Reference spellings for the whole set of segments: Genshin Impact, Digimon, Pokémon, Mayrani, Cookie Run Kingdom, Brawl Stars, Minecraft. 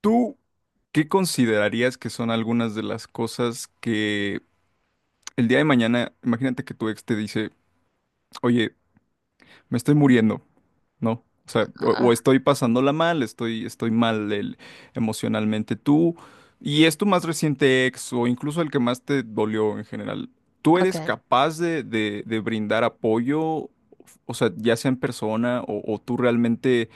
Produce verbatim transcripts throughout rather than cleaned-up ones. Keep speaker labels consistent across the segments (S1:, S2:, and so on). S1: ¿Tú qué considerarías que son algunas de las cosas que el día de mañana, imagínate que tu ex te dice, oye, me estoy muriendo, ¿no? O sea, o, o
S2: Ah,
S1: estoy pasándola mal, estoy, estoy mal el- emocionalmente. Tú, y es tu más reciente ex o incluso el que más te dolió en general, ¿tú eres
S2: okay.
S1: capaz de, de- de brindar apoyo? O sea, ya sea en persona o o tú realmente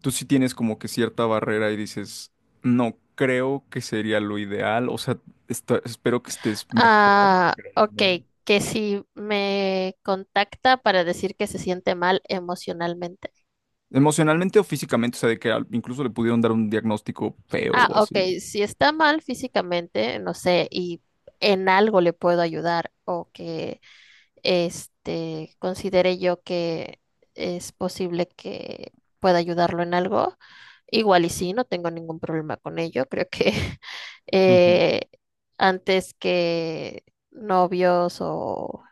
S1: tú sí tienes como que cierta barrera y dices, no creo que sería lo ideal, o sea, esta- espero que estés mejor,
S2: Ah,
S1: pero no.
S2: okay, que si me contacta para decir que se siente mal emocionalmente.
S1: Emocionalmente o físicamente, o sea, de que al- incluso le pudieron dar un diagnóstico feo
S2: Ah,
S1: o
S2: ok,
S1: así.
S2: si está mal físicamente, no sé, y en algo le puedo ayudar o que este considere yo que es posible que pueda ayudarlo en algo. Igual y sí, no tengo ningún problema con ello. Creo que
S1: Ujú.
S2: eh, antes que novios o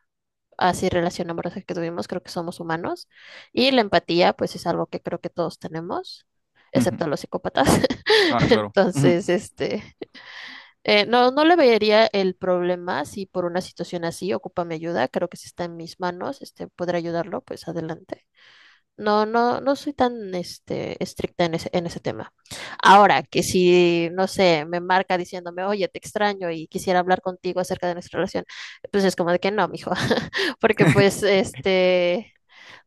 S2: así relación amorosa que tuvimos, creo que somos humanos. Y la empatía, pues es algo que creo que todos tenemos,
S1: Ujú.
S2: excepto los psicópatas.
S1: Ah, claro. Ujú.
S2: Entonces, este, eh, no, no le vería el problema si por una situación así ocupa mi ayuda. Creo que si está en mis manos, este, poder ayudarlo, pues adelante. No, no, no soy tan este, estricta en ese, en ese tema. Ahora, que si, no sé, me marca diciéndome, oye, te extraño y quisiera hablar contigo acerca de nuestra relación, pues es como de que no, mijo, porque pues este,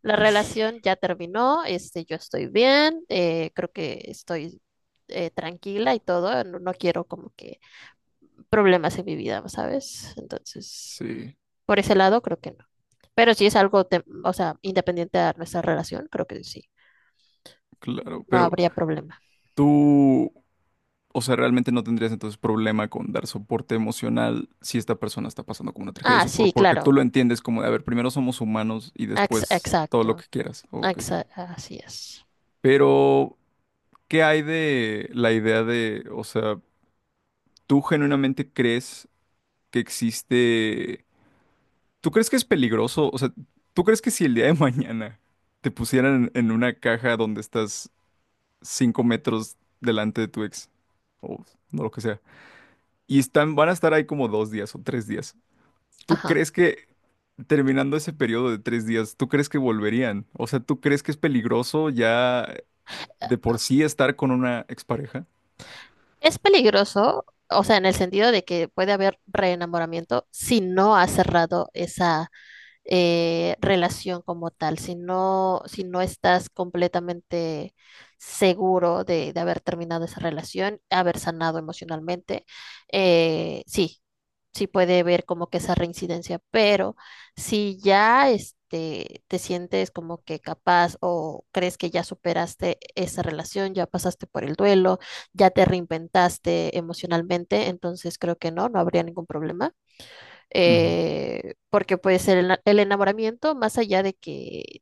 S2: la relación ya terminó, este, yo estoy bien, eh, creo que estoy eh, tranquila y todo, no, no quiero como que problemas en mi vida, ¿sabes? Entonces,
S1: Sí,
S2: por ese lado, creo que no. Pero si es algo, tem- o sea, independiente de nuestra relación, creo que sí
S1: claro,
S2: no
S1: pero
S2: habría problema.
S1: tú, o sea, realmente no tendrías entonces problema con dar soporte emocional si esta persona está pasando como una tragedia,
S2: Ah,
S1: eso por-
S2: sí,
S1: porque tú
S2: claro.
S1: lo entiendes como de, a ver, primero somos humanos y
S2: Ex-
S1: después todo lo
S2: exacto.
S1: que quieras, ok.
S2: Exa- así es.
S1: Pero ¿qué hay de la idea de, o sea, tú genuinamente crees que existe, tú crees que es peligroso, o sea, tú crees que si el día de mañana te pusieran en una caja donde estás cinco metros delante de tu ex, o no lo que sea, y están, van a estar ahí como dos días o tres días, ¿tú
S2: Ajá.
S1: crees que terminando ese periodo de tres días, tú crees que volverían? O sea, ¿tú crees que es peligroso ya de por sí estar con una expareja?
S2: Es peligroso, o sea, en el sentido de que puede haber reenamoramiento si no has cerrado esa eh, relación como tal, si no, si no estás completamente seguro de, de haber terminado esa relación, haber sanado emocionalmente, eh, sí, sí puede haber como que esa reincidencia. Pero si ya este, te sientes como que capaz o crees que ya superaste esa relación, ya pasaste por el duelo, ya te reinventaste emocionalmente, entonces creo que no, no habría ningún problema
S1: Ujú,
S2: eh, porque pues el, ena- el enamoramiento, más allá de que,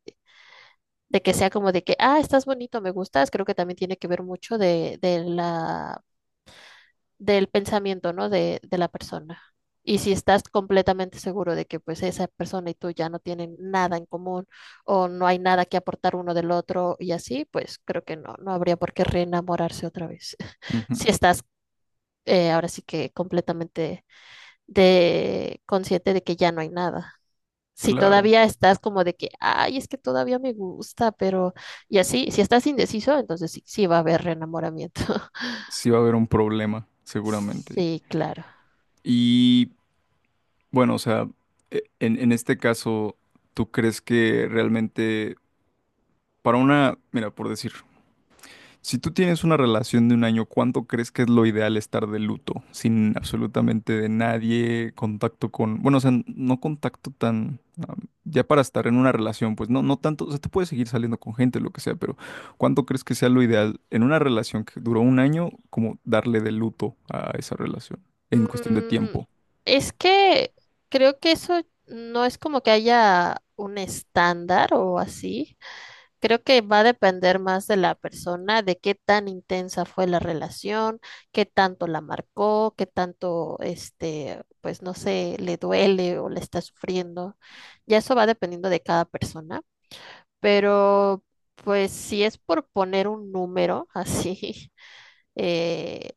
S2: de que sea como de que, ah, estás bonito, me gustas, creo que también tiene que ver mucho de, de la, del pensamiento, ¿no? De, de la persona. Y si estás completamente seguro de que pues esa persona y tú ya no tienen nada en común o no hay nada que aportar uno del otro y así, pues creo que no, no habría por qué reenamorarse otra vez.
S1: ujú,
S2: Si estás eh, ahora sí que completamente de, consciente de que ya no hay nada. Si
S1: claro.
S2: todavía estás como de que, ay, es que todavía me gusta, pero y así, si estás indeciso, entonces sí, sí va a haber reenamoramiento.
S1: Sí va a haber un problema, seguramente.
S2: Sí, claro.
S1: Y bueno, o sea, e- en, en este caso, ¿tú crees que realmente para una, mira, por decir, si tú tienes una relación de un año, ¿cuánto crees que es lo ideal estar de luto? Sin absolutamente de nadie, contacto con, bueno, o sea, no contacto tan, ah, ya para estar en una relación, pues no, no tanto, o sea, te puedes seguir saliendo con gente, lo que sea, pero ¿cuánto crees que sea lo ideal en una relación que duró un año, como darle de luto a esa relación en cuestión de
S2: Mm,
S1: tiempo?
S2: es que creo que eso no es como que haya un estándar o así. Creo que va a depender más de la persona, de qué tan intensa fue la relación, qué tanto la marcó, qué tanto, este, pues no sé, le duele o le está sufriendo. Ya eso va dependiendo de cada persona, pero pues si es por poner un número así, eh,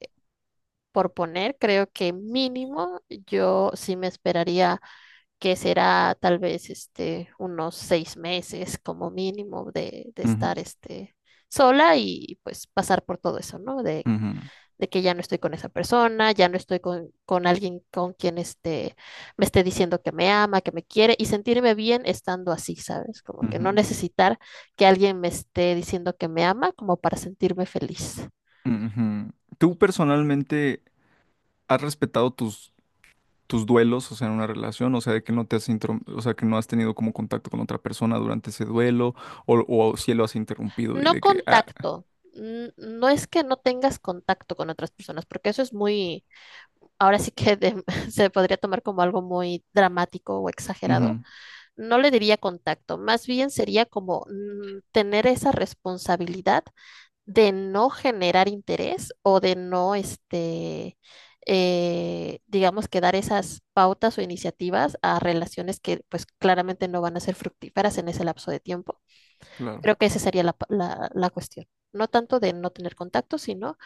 S2: por poner, creo que mínimo yo sí me esperaría que será tal vez este, unos seis meses como mínimo de, de estar
S1: Ujú,
S2: este, sola y pues pasar por todo eso, ¿no? De,
S1: ujú,
S2: de que ya no estoy con esa persona, ya no estoy con, con alguien con quien este, me esté diciendo que me ama, que me quiere y sentirme bien estando así, ¿sabes? Como que no
S1: ujú,
S2: necesitar que alguien me esté diciendo que me ama como para sentirme feliz.
S1: ujú. ¿Tú personalmente has respetado tus tus duelos, o sea, en una relación, o sea, de que no te has intro- o sea, que no has tenido como contacto con otra persona durante ese duelo, o, o si lo has interrumpido y
S2: No
S1: de que, ah,
S2: contacto. n- No es que no tengas contacto con otras personas, porque eso es muy, ahora sí que de- se podría tomar como algo muy dramático o exagerado.
S1: ujú,
S2: No le diría contacto, más bien sería como mm, tener esa responsabilidad de no generar interés o de no, este, eh, digamos que dar esas pautas o iniciativas a relaciones que pues claramente no van a ser fructíferas en ese lapso de tiempo.
S1: claro,
S2: Creo que esa sería la, la- la cuestión. No tanto de no tener contacto, sino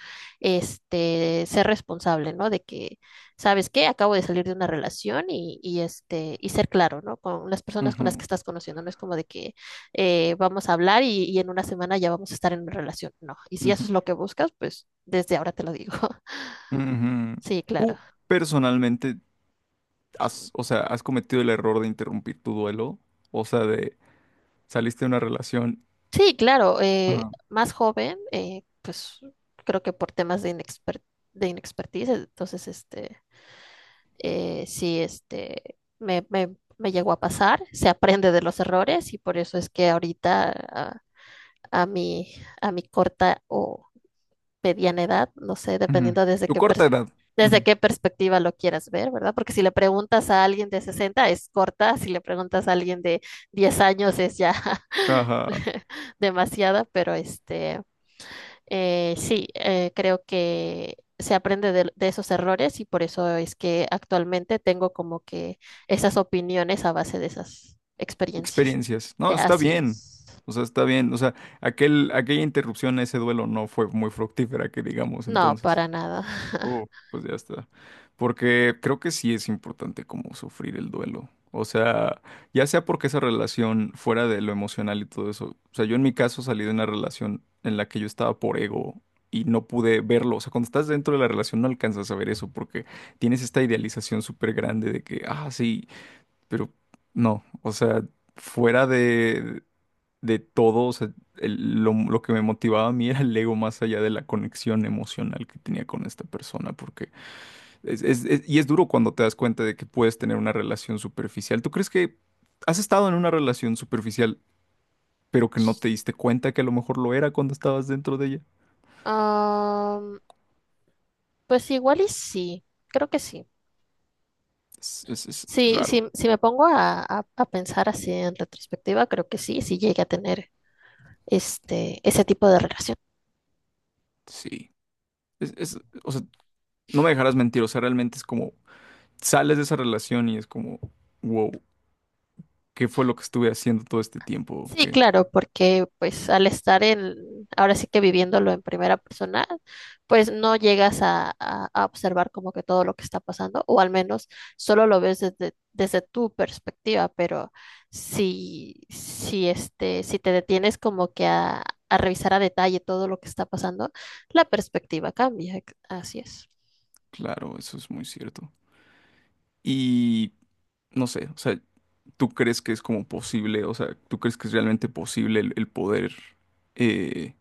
S2: este, ser responsable, ¿no? De que, ¿sabes qué? Acabo de salir de una relación y, y, este, y ser claro, ¿no? Con las personas con las
S1: ujú,
S2: que estás conociendo. No es como de que eh, vamos a hablar y, y en una semana ya vamos a estar en una relación. No. Y si eso
S1: ujú,
S2: es lo que buscas, pues desde ahora te lo digo.
S1: ujú.
S2: Sí, claro.
S1: ¿Tú personalmente has, o sea, has cometido el error de interrumpir tu duelo? O sea, de saliste de una relación,
S2: Sí, claro. Eh,
S1: ajá,
S2: más joven, eh, pues creo que por temas de inexper- de inexpertise, entonces este eh, sí, este, me, me- me llegó a pasar. Se aprende de los errores y por eso es que ahorita a, a mi, a mi corta o mediana edad, no sé,
S1: ujú,
S2: dependiendo desde
S1: tu
S2: qué, pers-
S1: corta edad,
S2: desde
S1: ujú,
S2: qué perspectiva lo quieras ver, ¿verdad? Porque si le preguntas a alguien de sesenta es corta, si le preguntas a alguien de diez años es ya
S1: ajá,
S2: demasiada, pero este... Eh, sí, eh, creo que se aprende de, de esos errores y por eso es que actualmente tengo como que esas opiniones a base de esas experiencias.
S1: experiencias.
S2: Eh,
S1: No, está
S2: Así
S1: bien.
S2: es.
S1: O sea, está bien. O sea, aquel, aquella interrupción a ese duelo no fue muy fructífera, que digamos,
S2: No,
S1: entonces.
S2: para nada.
S1: Oh, pues ya está. Porque creo que sí es importante como sufrir el duelo. O sea, ya sea porque esa relación fuera de lo emocional y todo eso. O sea, yo en mi caso salí de una relación en la que yo estaba por ego y no pude verlo. O sea, cuando estás dentro de la relación no alcanzas a ver eso porque tienes esta idealización súper grande de que, ah, sí. Pero no, o sea, fuera de, de todo, o sea, el- lo, lo que me motivaba a mí era el ego más allá de la conexión emocional que tenía con esta persona, porque es, es- es- y es duro cuando te das cuenta de que puedes tener una relación superficial. ¿Tú crees que has estado en una relación superficial, pero que no te diste cuenta que a lo mejor lo era cuando estabas dentro de ella?
S2: Am, pues igual y sí, creo que sí.
S1: Es, es- es
S2: Sí,
S1: raro,
S2: sí, si me pongo a, a- a pensar así en retrospectiva, creo que sí, sí llegué a tener este, ese tipo de relación.
S1: sí. Es, es- o sea, no me dejarás mentir, o sea, realmente es como, sales de esa relación y es como... Wow. Qué fue lo que estuve haciendo todo este tiempo,
S2: Sí,
S1: que
S2: claro, porque pues al estar en, ahora sí que viviéndolo en primera persona, pues no llegas a, a- a observar como que todo lo que está pasando, o al menos solo lo ves desde, desde tu perspectiva, pero si, si este, si te detienes como que a, a revisar a detalle todo lo que está pasando, la perspectiva cambia, ex- así es.
S1: claro, eso es muy cierto. Y no sé, o sea, ¿tú crees que es como posible, o sea, ¿tú crees que es realmente posible el, el poder, eh,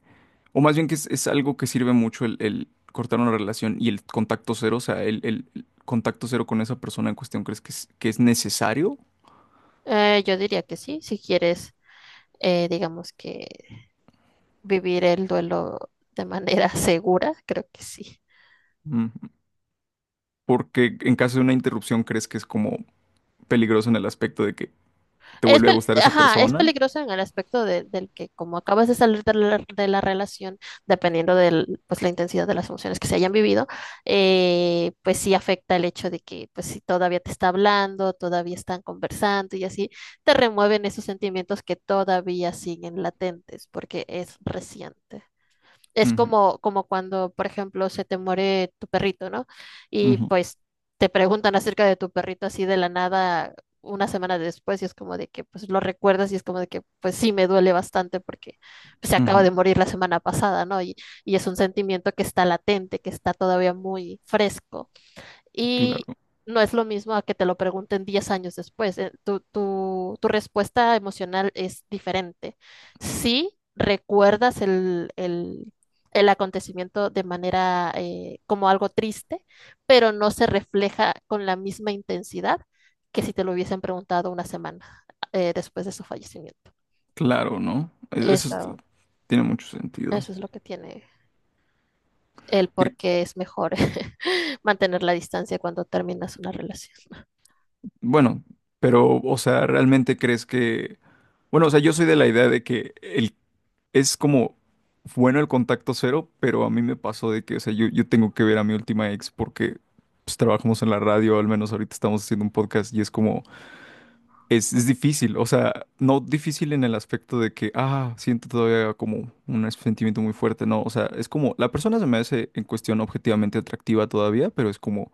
S1: o más bien que es, es algo que sirve mucho el, el cortar una relación y el contacto cero, o sea, el, el- el contacto cero con esa persona en cuestión, ¿crees que es, que es necesario?
S2: Eh, yo diría que sí, si quieres, eh, digamos que vivir el duelo de manera segura, creo que sí.
S1: Mm, porque en caso de una interrupción, ¿crees que es como peligroso en el aspecto de que te
S2: Es,
S1: vuelve a
S2: pel-
S1: gustar esa
S2: ajá, es
S1: persona?
S2: peligroso en el aspecto de- del que como acabas de salir de la, de la relación, dependiendo de pues, la intensidad de las emociones que se hayan vivido, eh, pues sí afecta el hecho de que pues si todavía te está hablando, todavía están conversando y así, te remueven esos sentimientos que todavía siguen latentes porque es reciente. Es
S1: Ujú,
S2: como, como cuando, por ejemplo, se te muere tu perrito, ¿no? Y
S1: ujú,
S2: pues te preguntan acerca de tu perrito así de la nada una semana después y es como de que pues lo recuerdas y es como de que pues sí me duele bastante porque pues, se acaba
S1: ujú,
S2: de morir la semana pasada, ¿no? Y, y es un sentimiento que está latente, que está todavía muy fresco. Y
S1: claro.
S2: no es lo mismo a que te lo pregunten diez años después. Eh, Tu, tu, tu respuesta emocional es diferente. Sí, recuerdas el, el, el acontecimiento de manera eh, como algo triste, pero no se refleja con la misma intensidad que si te lo hubiesen preguntado una semana eh, después de su fallecimiento.
S1: Claro, ¿no? Es- eso es-
S2: Eso,
S1: tiene mucho sentido.
S2: eso es lo que tiene el por
S1: Que-
S2: qué es mejor mantener la distancia cuando terminas una relación.
S1: bueno, pero, o sea, ¿realmente crees que... Bueno, o sea, yo soy de la idea de que el... es como bueno el contacto cero, pero a mí me pasó de que, o sea, yo, yo tengo que ver a mi última ex porque pues, trabajamos en la radio, al menos ahorita estamos haciendo un podcast y es como, es, es difícil, o sea, no difícil en el aspecto de que, ah, siento todavía como un sentimiento muy fuerte, no, o sea, es como, la persona se me hace en cuestión objetivamente atractiva todavía, pero es como,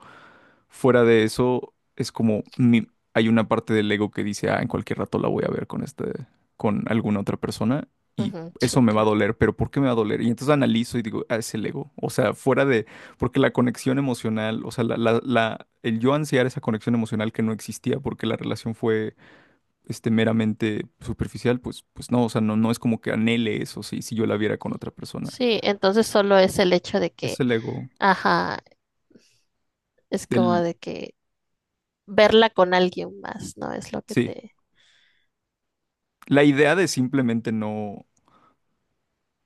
S1: fuera de eso, es como mi- hay una parte del ego que dice, ah, en cualquier rato la voy a ver con este, con alguna otra persona y
S2: Ujú,
S1: eso
S2: sí,
S1: me va a
S2: claro.
S1: doler, pero ¿por qué me va a doler? Y entonces analizo y digo, ah, es el ego. O sea, fuera de, porque la conexión emocional, o sea, la, la, la- el yo ansiar esa conexión emocional que no existía porque la relación fue, este, meramente superficial, pues, pues no, o sea, no, no es como que anhele eso, si, si yo la viera con otra persona.
S2: Sí, entonces solo es el hecho de
S1: Es
S2: que,
S1: el ego.
S2: ajá, es como
S1: El,
S2: de que verla con alguien más, ¿no? Es lo que
S1: sí.
S2: te...
S1: La idea de simplemente no.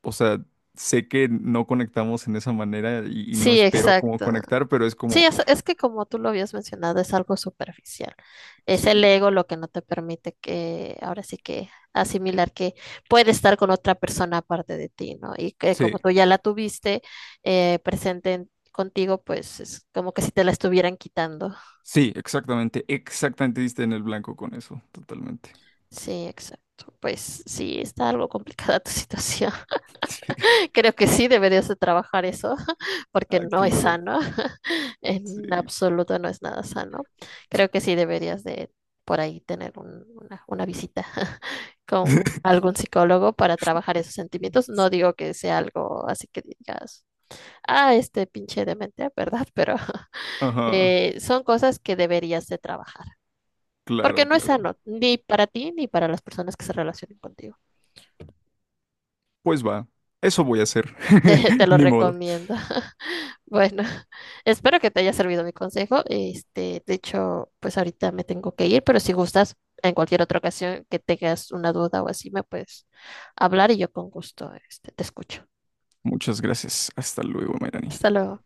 S1: O sea, sé que no conectamos en esa manera y, y no
S2: Sí,
S1: espero como
S2: exacto.
S1: conectar, pero es
S2: Sí,
S1: como,
S2: es, es que como tú lo habías mencionado, es algo superficial. Es
S1: sí,
S2: el ego lo que no te permite que, ahora sí que asimilar que puede estar con otra persona aparte de ti, ¿no? Y que
S1: sí,
S2: como tú ya la tuviste eh, presente en- contigo, pues es como que si te la estuvieran quitando.
S1: sí, exactamente, exactamente diste en el blanco con eso, totalmente.
S2: Sí, exacto. Pues sí, está algo complicada tu situación.
S1: Sí,
S2: Creo que sí deberías de trabajar eso, porque
S1: ah,
S2: no es
S1: claro,
S2: sano, en
S1: sí.
S2: absoluto no es nada sano. Creo que sí deberías de por ahí tener un- una, una visita con algún psicólogo para trabajar esos sentimientos. No digo que sea algo así que digas, ah, este pinche demente, ¿verdad? Pero
S1: Ajá,
S2: eh, son cosas que deberías de trabajar, porque
S1: claro,
S2: no es
S1: claro.
S2: sano, ni para ti ni para las personas que se relacionen contigo.
S1: Pues va, eso voy a hacer.
S2: Te, te lo
S1: Ni modo.
S2: recomiendo. Bueno, espero que te haya servido mi consejo. Este, de hecho, pues ahorita me tengo que ir, pero si gustas, en cualquier otra ocasión que tengas una duda o así, me puedes hablar y yo con gusto, este, te escucho.
S1: Muchas gracias. Hasta luego, Mayrani.
S2: Hasta luego.